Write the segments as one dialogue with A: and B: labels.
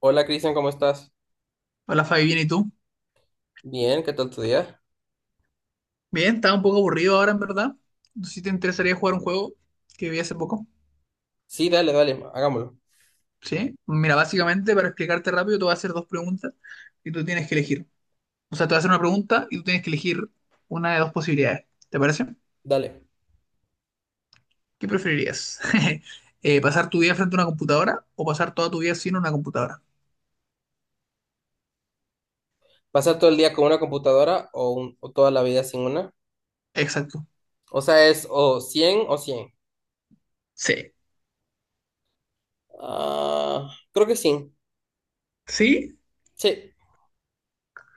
A: Hola Cristian, ¿cómo estás?
B: Hola Fabi, bien, ¿y tú?
A: Bien, ¿qué tal tu día?
B: Bien, estaba un poco aburrido ahora en verdad. No sé si te interesaría jugar un juego que vi hace poco.
A: Sí, dale, dale, hagámoslo.
B: ¿Sí? Mira, básicamente para explicarte rápido, te voy a hacer dos preguntas y tú tienes que elegir. O sea, te voy a hacer una pregunta y tú tienes que elegir una de dos posibilidades. ¿Te parece?
A: Dale.
B: ¿Qué preferirías? ¿Pasar tu vida frente a una computadora o pasar toda tu vida sin una computadora?
A: ¿Pasar todo el día con una computadora o, o toda la vida sin una?
B: Exacto.
A: O sea, es o 100 o 100.
B: Sí.
A: Ah, creo que sí.
B: ¿Sí?
A: Sí.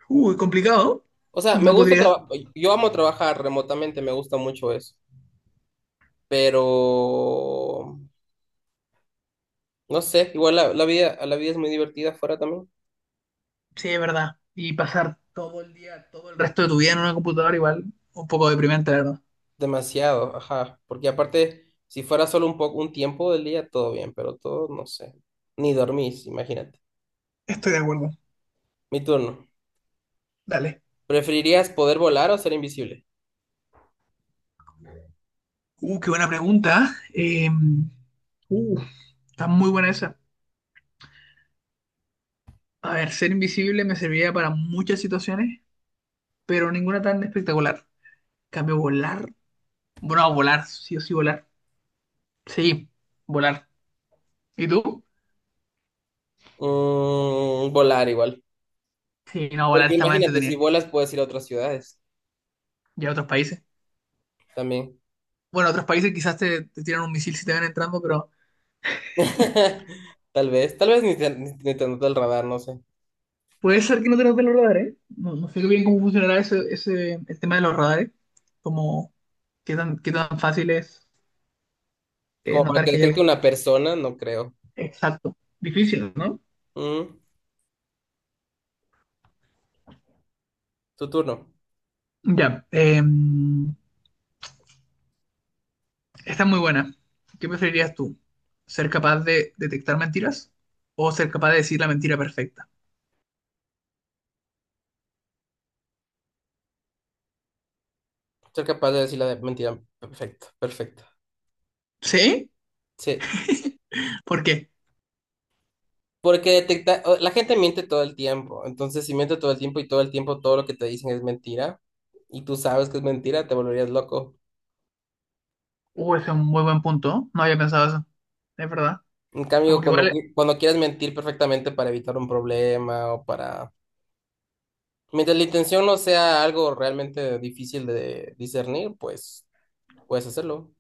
B: Uy, complicado.
A: O sea, me
B: No
A: gusta
B: podría.
A: trabajar, yo amo trabajar remotamente, me gusta mucho eso. Pero, no sé, igual la vida, la vida es muy divertida fuera también.
B: Sí, es verdad. Y pasar todo el día, todo el resto de tu vida en una computadora igual, un poco deprimente, la verdad.
A: Demasiado, ajá. Porque aparte, si fuera solo un poco, un tiempo del día, todo bien, pero todo, no sé. Ni dormís, imagínate.
B: Estoy de acuerdo.
A: Mi turno.
B: Dale.
A: ¿Preferirías poder volar o ser invisible?
B: Qué buena pregunta. Uh, Está muy buena esa. A ver, ser invisible me serviría para muchas situaciones, pero ninguna tan espectacular. En cambio volar. Bueno, no, volar, sí o sí volar. Sí, volar. ¿Y tú?
A: Mm, volar igual.
B: Sí, no, volar
A: Porque
B: está más
A: imagínate, si
B: entretenida.
A: volas puedes ir a otras ciudades
B: Y a otros países.
A: también.
B: Bueno, otros países quizás te tiran un misil si te ven entrando, pero
A: Tal vez ni te nota el radar, no sé.
B: puede ser que no tengas de los radares, ¿eh? No, no sé bien cómo funcionará el tema de los radares. Como qué tan fácil es
A: Como para
B: notar
A: que
B: que hay algo.
A: detecte una persona, no creo.
B: Exacto. Difícil, ¿no?
A: Mm, tu turno.
B: Ya, esta es muy buena. ¿Qué preferirías tú? ¿Ser capaz de detectar mentiras o ser capaz de decir la mentira perfecta?
A: Ser capaz de decir la mentira. Perfecto, perfecto.
B: ¿Sí?
A: Sí.
B: ¿Por qué?
A: Porque la gente miente todo el tiempo. Entonces, si miente todo el tiempo y todo el tiempo todo lo que te dicen es mentira y tú sabes que es mentira, te volverías loco.
B: Ese es un muy buen punto. No había pensado eso. Es verdad.
A: En
B: Como
A: cambio,
B: que igual,
A: cuando quieras mentir perfectamente para evitar un problema o para... Mientras la intención no sea algo realmente difícil de discernir, pues puedes hacerlo.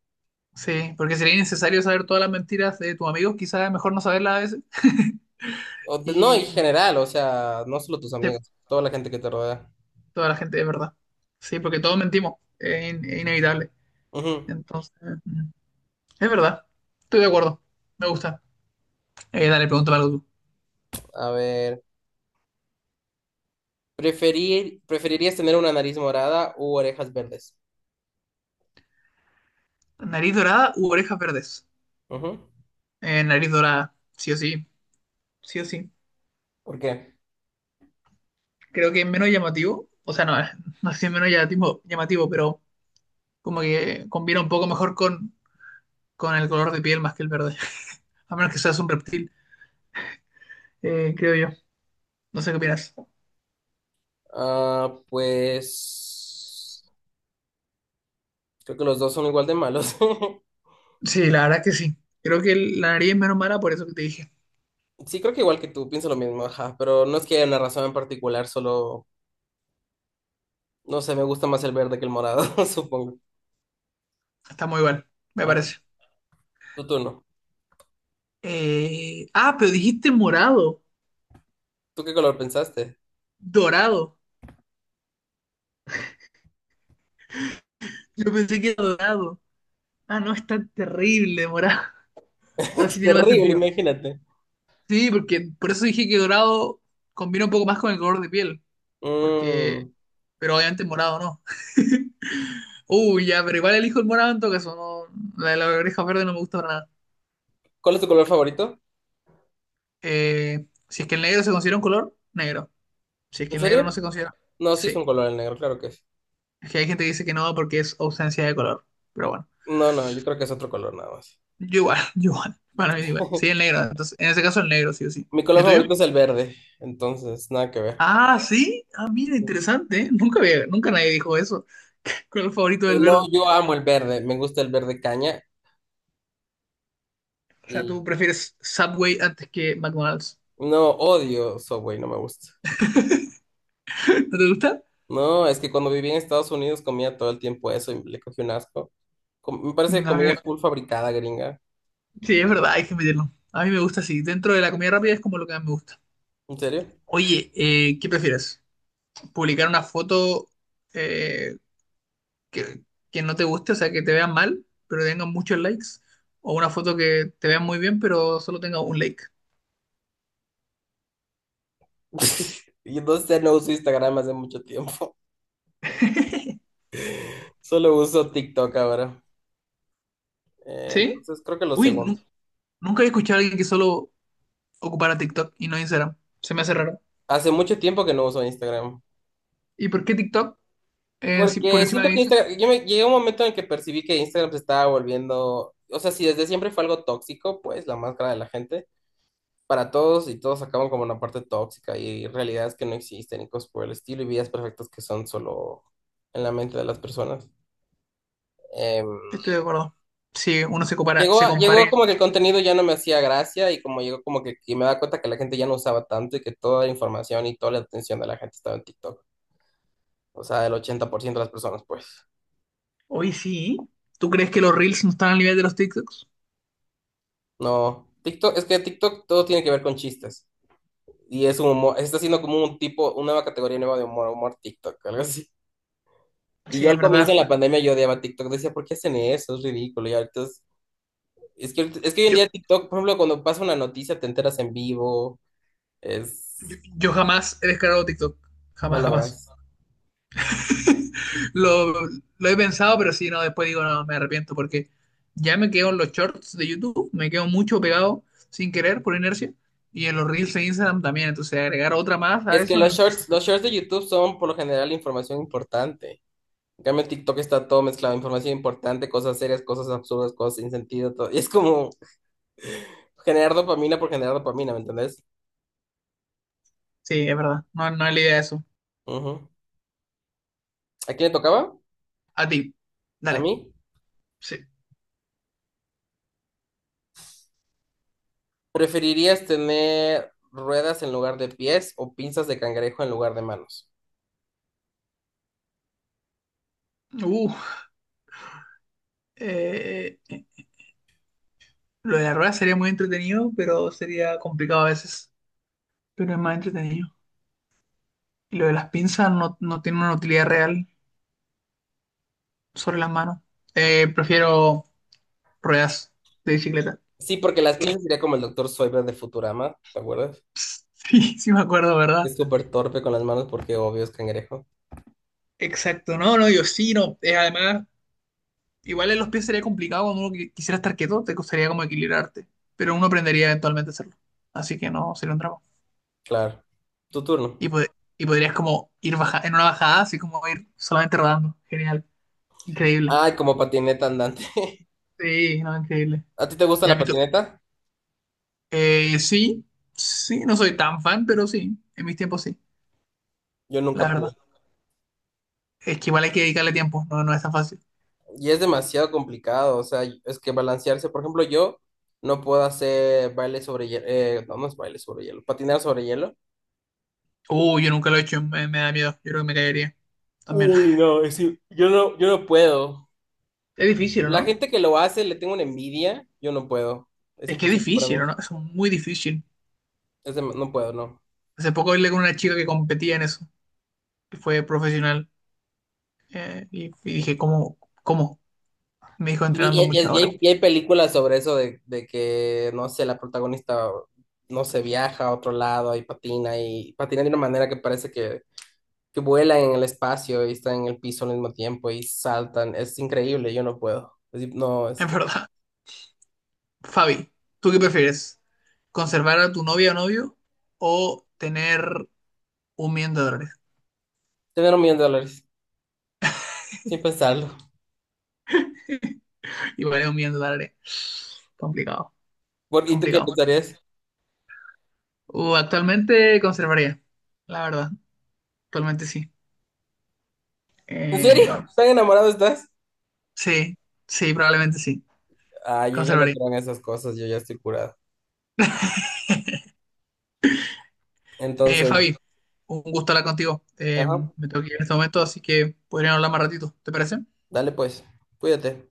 B: sí, porque sería innecesario saber todas las mentiras de tus amigos. Quizás es mejor no saberlas a veces.
A: No, en
B: Y
A: general, o sea, no solo tus
B: sí,
A: amigos, toda la gente que te rodea.
B: toda la gente es verdad. Sí, porque todos mentimos, es, es inevitable.
A: Ujú.
B: Entonces, mm, es verdad, estoy de acuerdo, me gusta. Dale, pregúntame algo
A: A ver, ¿preferirías tener una nariz morada u orejas verdes?
B: tú. ¿Nariz dorada u orejas verdes?
A: Ujú.
B: Nariz dorada, sí o sí, sí o sí.
A: ¿Por qué?
B: Creo que es menos llamativo, o sea, no, no sé si es menos llamativo, pero como que combina un poco mejor con el color de piel más que el verde, a menos que seas un reptil, creo yo. No sé qué opinas.
A: Ah, pues creo que los dos son igual de malos.
B: Sí, la verdad es que sí. Creo que la nariz es menos mala por eso que te dije.
A: Sí, creo que igual que tú, pienso lo mismo, ajá, pero no es que haya una razón en particular, solo, no sé, me gusta más el verde que el morado, supongo.
B: Está muy bueno, me
A: Ajá,
B: parece.
A: tu turno.
B: Ah, pero dijiste morado,
A: ¿Tú qué color pensaste?
B: dorado. Yo pensé que era dorado. Ah, no, es tan terrible morado. Ahora
A: Es
B: sí tiene más
A: terrible,
B: sentido.
A: imagínate.
B: Sí, porque por eso dije que dorado combina un poco más con el color de piel. Porque,
A: Mm,
B: pero obviamente morado no. Uy, ya, pero igual elijo el morado en todo caso. No, la de las orejas verdes no me gusta para nada.
A: ¿cuál es tu color favorito?
B: Si es que el negro se considera un color, negro. Si es que
A: ¿En
B: el negro no
A: serio?
B: se considera.
A: No, sí es
B: Sí.
A: un color el negro, claro que es.
B: Es que hay gente que dice que no porque es ausencia de color. Pero bueno.
A: No, no, yo creo que es otro color nada más.
B: Yo igual, yo igual. Para mí igual. Sí, el negro. Entonces, en ese caso el negro, sí o sí.
A: Mi
B: ¿Y
A: color
B: el tuyo?
A: favorito es el verde, entonces, nada que ver.
B: Ah, sí. Ah, mira, interesante, ¿eh? Nunca nadie dijo eso. ¿Cuál es el favorito del
A: No,
B: verde?
A: yo amo el verde, me gusta el verde caña
B: O sea, tú
A: y
B: prefieres Subway antes que McDonald's.
A: no odio Subway, no me gusta.
B: ¿No te gusta?
A: No, es que cuando viví en Estados Unidos comía todo el tiempo eso y le cogí un asco. Me
B: A
A: parece
B: mí
A: comida
B: me-
A: full fabricada, gringa.
B: Sí, es verdad, hay que meterlo. A mí me gusta así. Dentro de la comida rápida es como lo que más me gusta.
A: ¿En serio?
B: Oye, ¿qué prefieres? ¿Publicar una foto eh, que, que no te guste, o sea, que te vean mal, pero tenga muchos likes? ¿O una foto que te vean muy bien, pero solo tenga un like?
A: Y no sé, no uso Instagram hace mucho tiempo. Solo uso TikTok ahora.
B: ¿Sí?
A: Entonces creo que lo
B: Uy,
A: segundo.
B: nunca he escuchado a alguien que solo ocupara TikTok y no Instagram. Se me hace raro.
A: Hace mucho tiempo que no uso Instagram.
B: ¿Y por qué TikTok por
A: Porque
B: encima
A: siento
B: de
A: que
B: Instagram?
A: Instagram, llegué a un momento en el que percibí que Instagram se estaba volviendo, o sea, si desde siempre fue algo tóxico, pues la máscara de la gente para todos y todos acaban como una parte tóxica y realidades que no existen y cosas por el estilo y vidas perfectas que son solo en la mente de las personas. Em,
B: Estoy de acuerdo. Si uno se compara, se
A: Llegó
B: compare.
A: como que el contenido ya no me hacía gracia y como llegó como que y me da cuenta que la gente ya no usaba tanto y que toda la información y toda la atención de la gente estaba en TikTok. O sea, el 80% de las personas, pues.
B: Hoy sí. ¿Tú crees que los Reels no están al nivel de los TikToks?
A: No, TikTok, es que TikTok todo tiene que ver con chistes. Y es un humor, está siendo como un tipo, una nueva categoría nueva de humor, humor TikTok, algo así. Y
B: Sí,
A: yo
B: es
A: al comienzo
B: verdad.
A: en la pandemia yo odiaba TikTok, decía, ¿por qué hacen eso? Es ridículo. Y ahorita es, es que hoy en
B: Yo,
A: día TikTok, por ejemplo, cuando pasa una noticia te enteras en vivo,
B: yo,
A: es,
B: yo jamás he descargado TikTok.
A: no
B: Jamás,
A: lo
B: jamás.
A: hagas.
B: Lo, lo he pensado, pero sí, no, después digo, no, me arrepiento porque ya me quedo en los shorts de YouTube, me quedo mucho pegado sin querer por inercia y en los reels de Instagram también, entonces agregar otra más a
A: Es que
B: eso,
A: los
B: innecesario.
A: shorts de YouTube son por lo general información importante. En cambio, en TikTok está todo mezclado, información importante, cosas serias, cosas absurdas, cosas sin sentido, todo. Y es como generar dopamina por generar dopamina, ¿me entendés?
B: Sí, es verdad, no, no es la idea de eso.
A: Ujú. ¿A quién le tocaba?
B: A ti,
A: ¿A
B: dale,
A: mí?
B: sí.
A: ¿Preferirías tener ruedas en lugar de pies o pinzas de cangrejo en lugar de manos?
B: Uh, eh, lo de la rueda sería muy entretenido, pero sería complicado a veces, pero es más entretenido. Y lo de las pinzas no, no tiene una utilidad real sobre las manos. Prefiero ruedas de bicicleta.
A: Sí, porque las pinzas sería como el doctor Zoidberg de Futurama, ¿te acuerdas?
B: Sí, sí me acuerdo, ¿verdad?
A: Es súper torpe con las manos porque obvio es cangrejo.
B: Exacto, no, no, yo sí, no. Además, igual en los pies sería complicado cuando uno quisiera estar quieto, te costaría como equilibrarte, pero uno aprendería eventualmente a hacerlo. Así que no, sería un drama.
A: Claro. Tu turno.
B: Y, pod- y podrías como ir baja en una bajada, así como ir solamente rodando. Genial, increíble.
A: Ay, como patineta andante.
B: Sí, no, increíble.
A: ¿A ti te gusta
B: Ya
A: la
B: me to-
A: patineta?
B: sí, sí, no soy tan fan, pero sí, en mis tiempos sí,
A: Yo nunca
B: la
A: pude.
B: verdad. Es que igual hay que dedicarle tiempo, no, no es tan fácil.
A: Y es demasiado complicado, o sea, es que balancearse, por ejemplo, yo no puedo hacer baile sobre hielo, no es baile sobre hielo, patinar sobre hielo.
B: Yo nunca lo he hecho, me da miedo, yo creo que me caería también.
A: Uy, no, es decir, yo no puedo.
B: Es difícil, ¿o
A: La
B: no?
A: gente que lo hace le tengo una envidia, yo no puedo. Es
B: Es que es
A: imposible para
B: difícil, ¿o
A: mí.
B: no? Es muy difícil.
A: No puedo, no.
B: Hace poco hablé con una chica que competía en eso, que fue profesional, y dije, ¿cómo? ¿Cómo? Me dijo entrenando muchas horas.
A: Y hay películas sobre eso de que, no sé, la protagonista, no sé, viaja a otro lado y patina de una manera que parece que vuela en el espacio y está en el piso al mismo tiempo y saltan. Es increíble, yo no puedo. Es decir, no, es
B: Es verdad. Fabi, ¿tú qué prefieres? ¿Conservar a tu novia o novio o tener $1.000.000?
A: tener $1.000.000, sin pensarlo.
B: Y vale $1.000.000. Complicado,
A: ¿Y tú qué
B: complicado.
A: pensarías?
B: Actualmente conservaría, la verdad. Actualmente sí.
A: ¿En
B: Eh,
A: serio? ¿Tan enamorado estás?
B: sí, sí, probablemente sí.
A: Ah, yo ya no
B: Conservaría.
A: creo en esas cosas, yo ya estoy curado. Entonces,
B: Fabi, un gusto hablar contigo.
A: ajá,
B: Me tengo que ir en este momento, así que podríamos hablar más ratito. ¿Te parece?
A: dale pues, cuídate.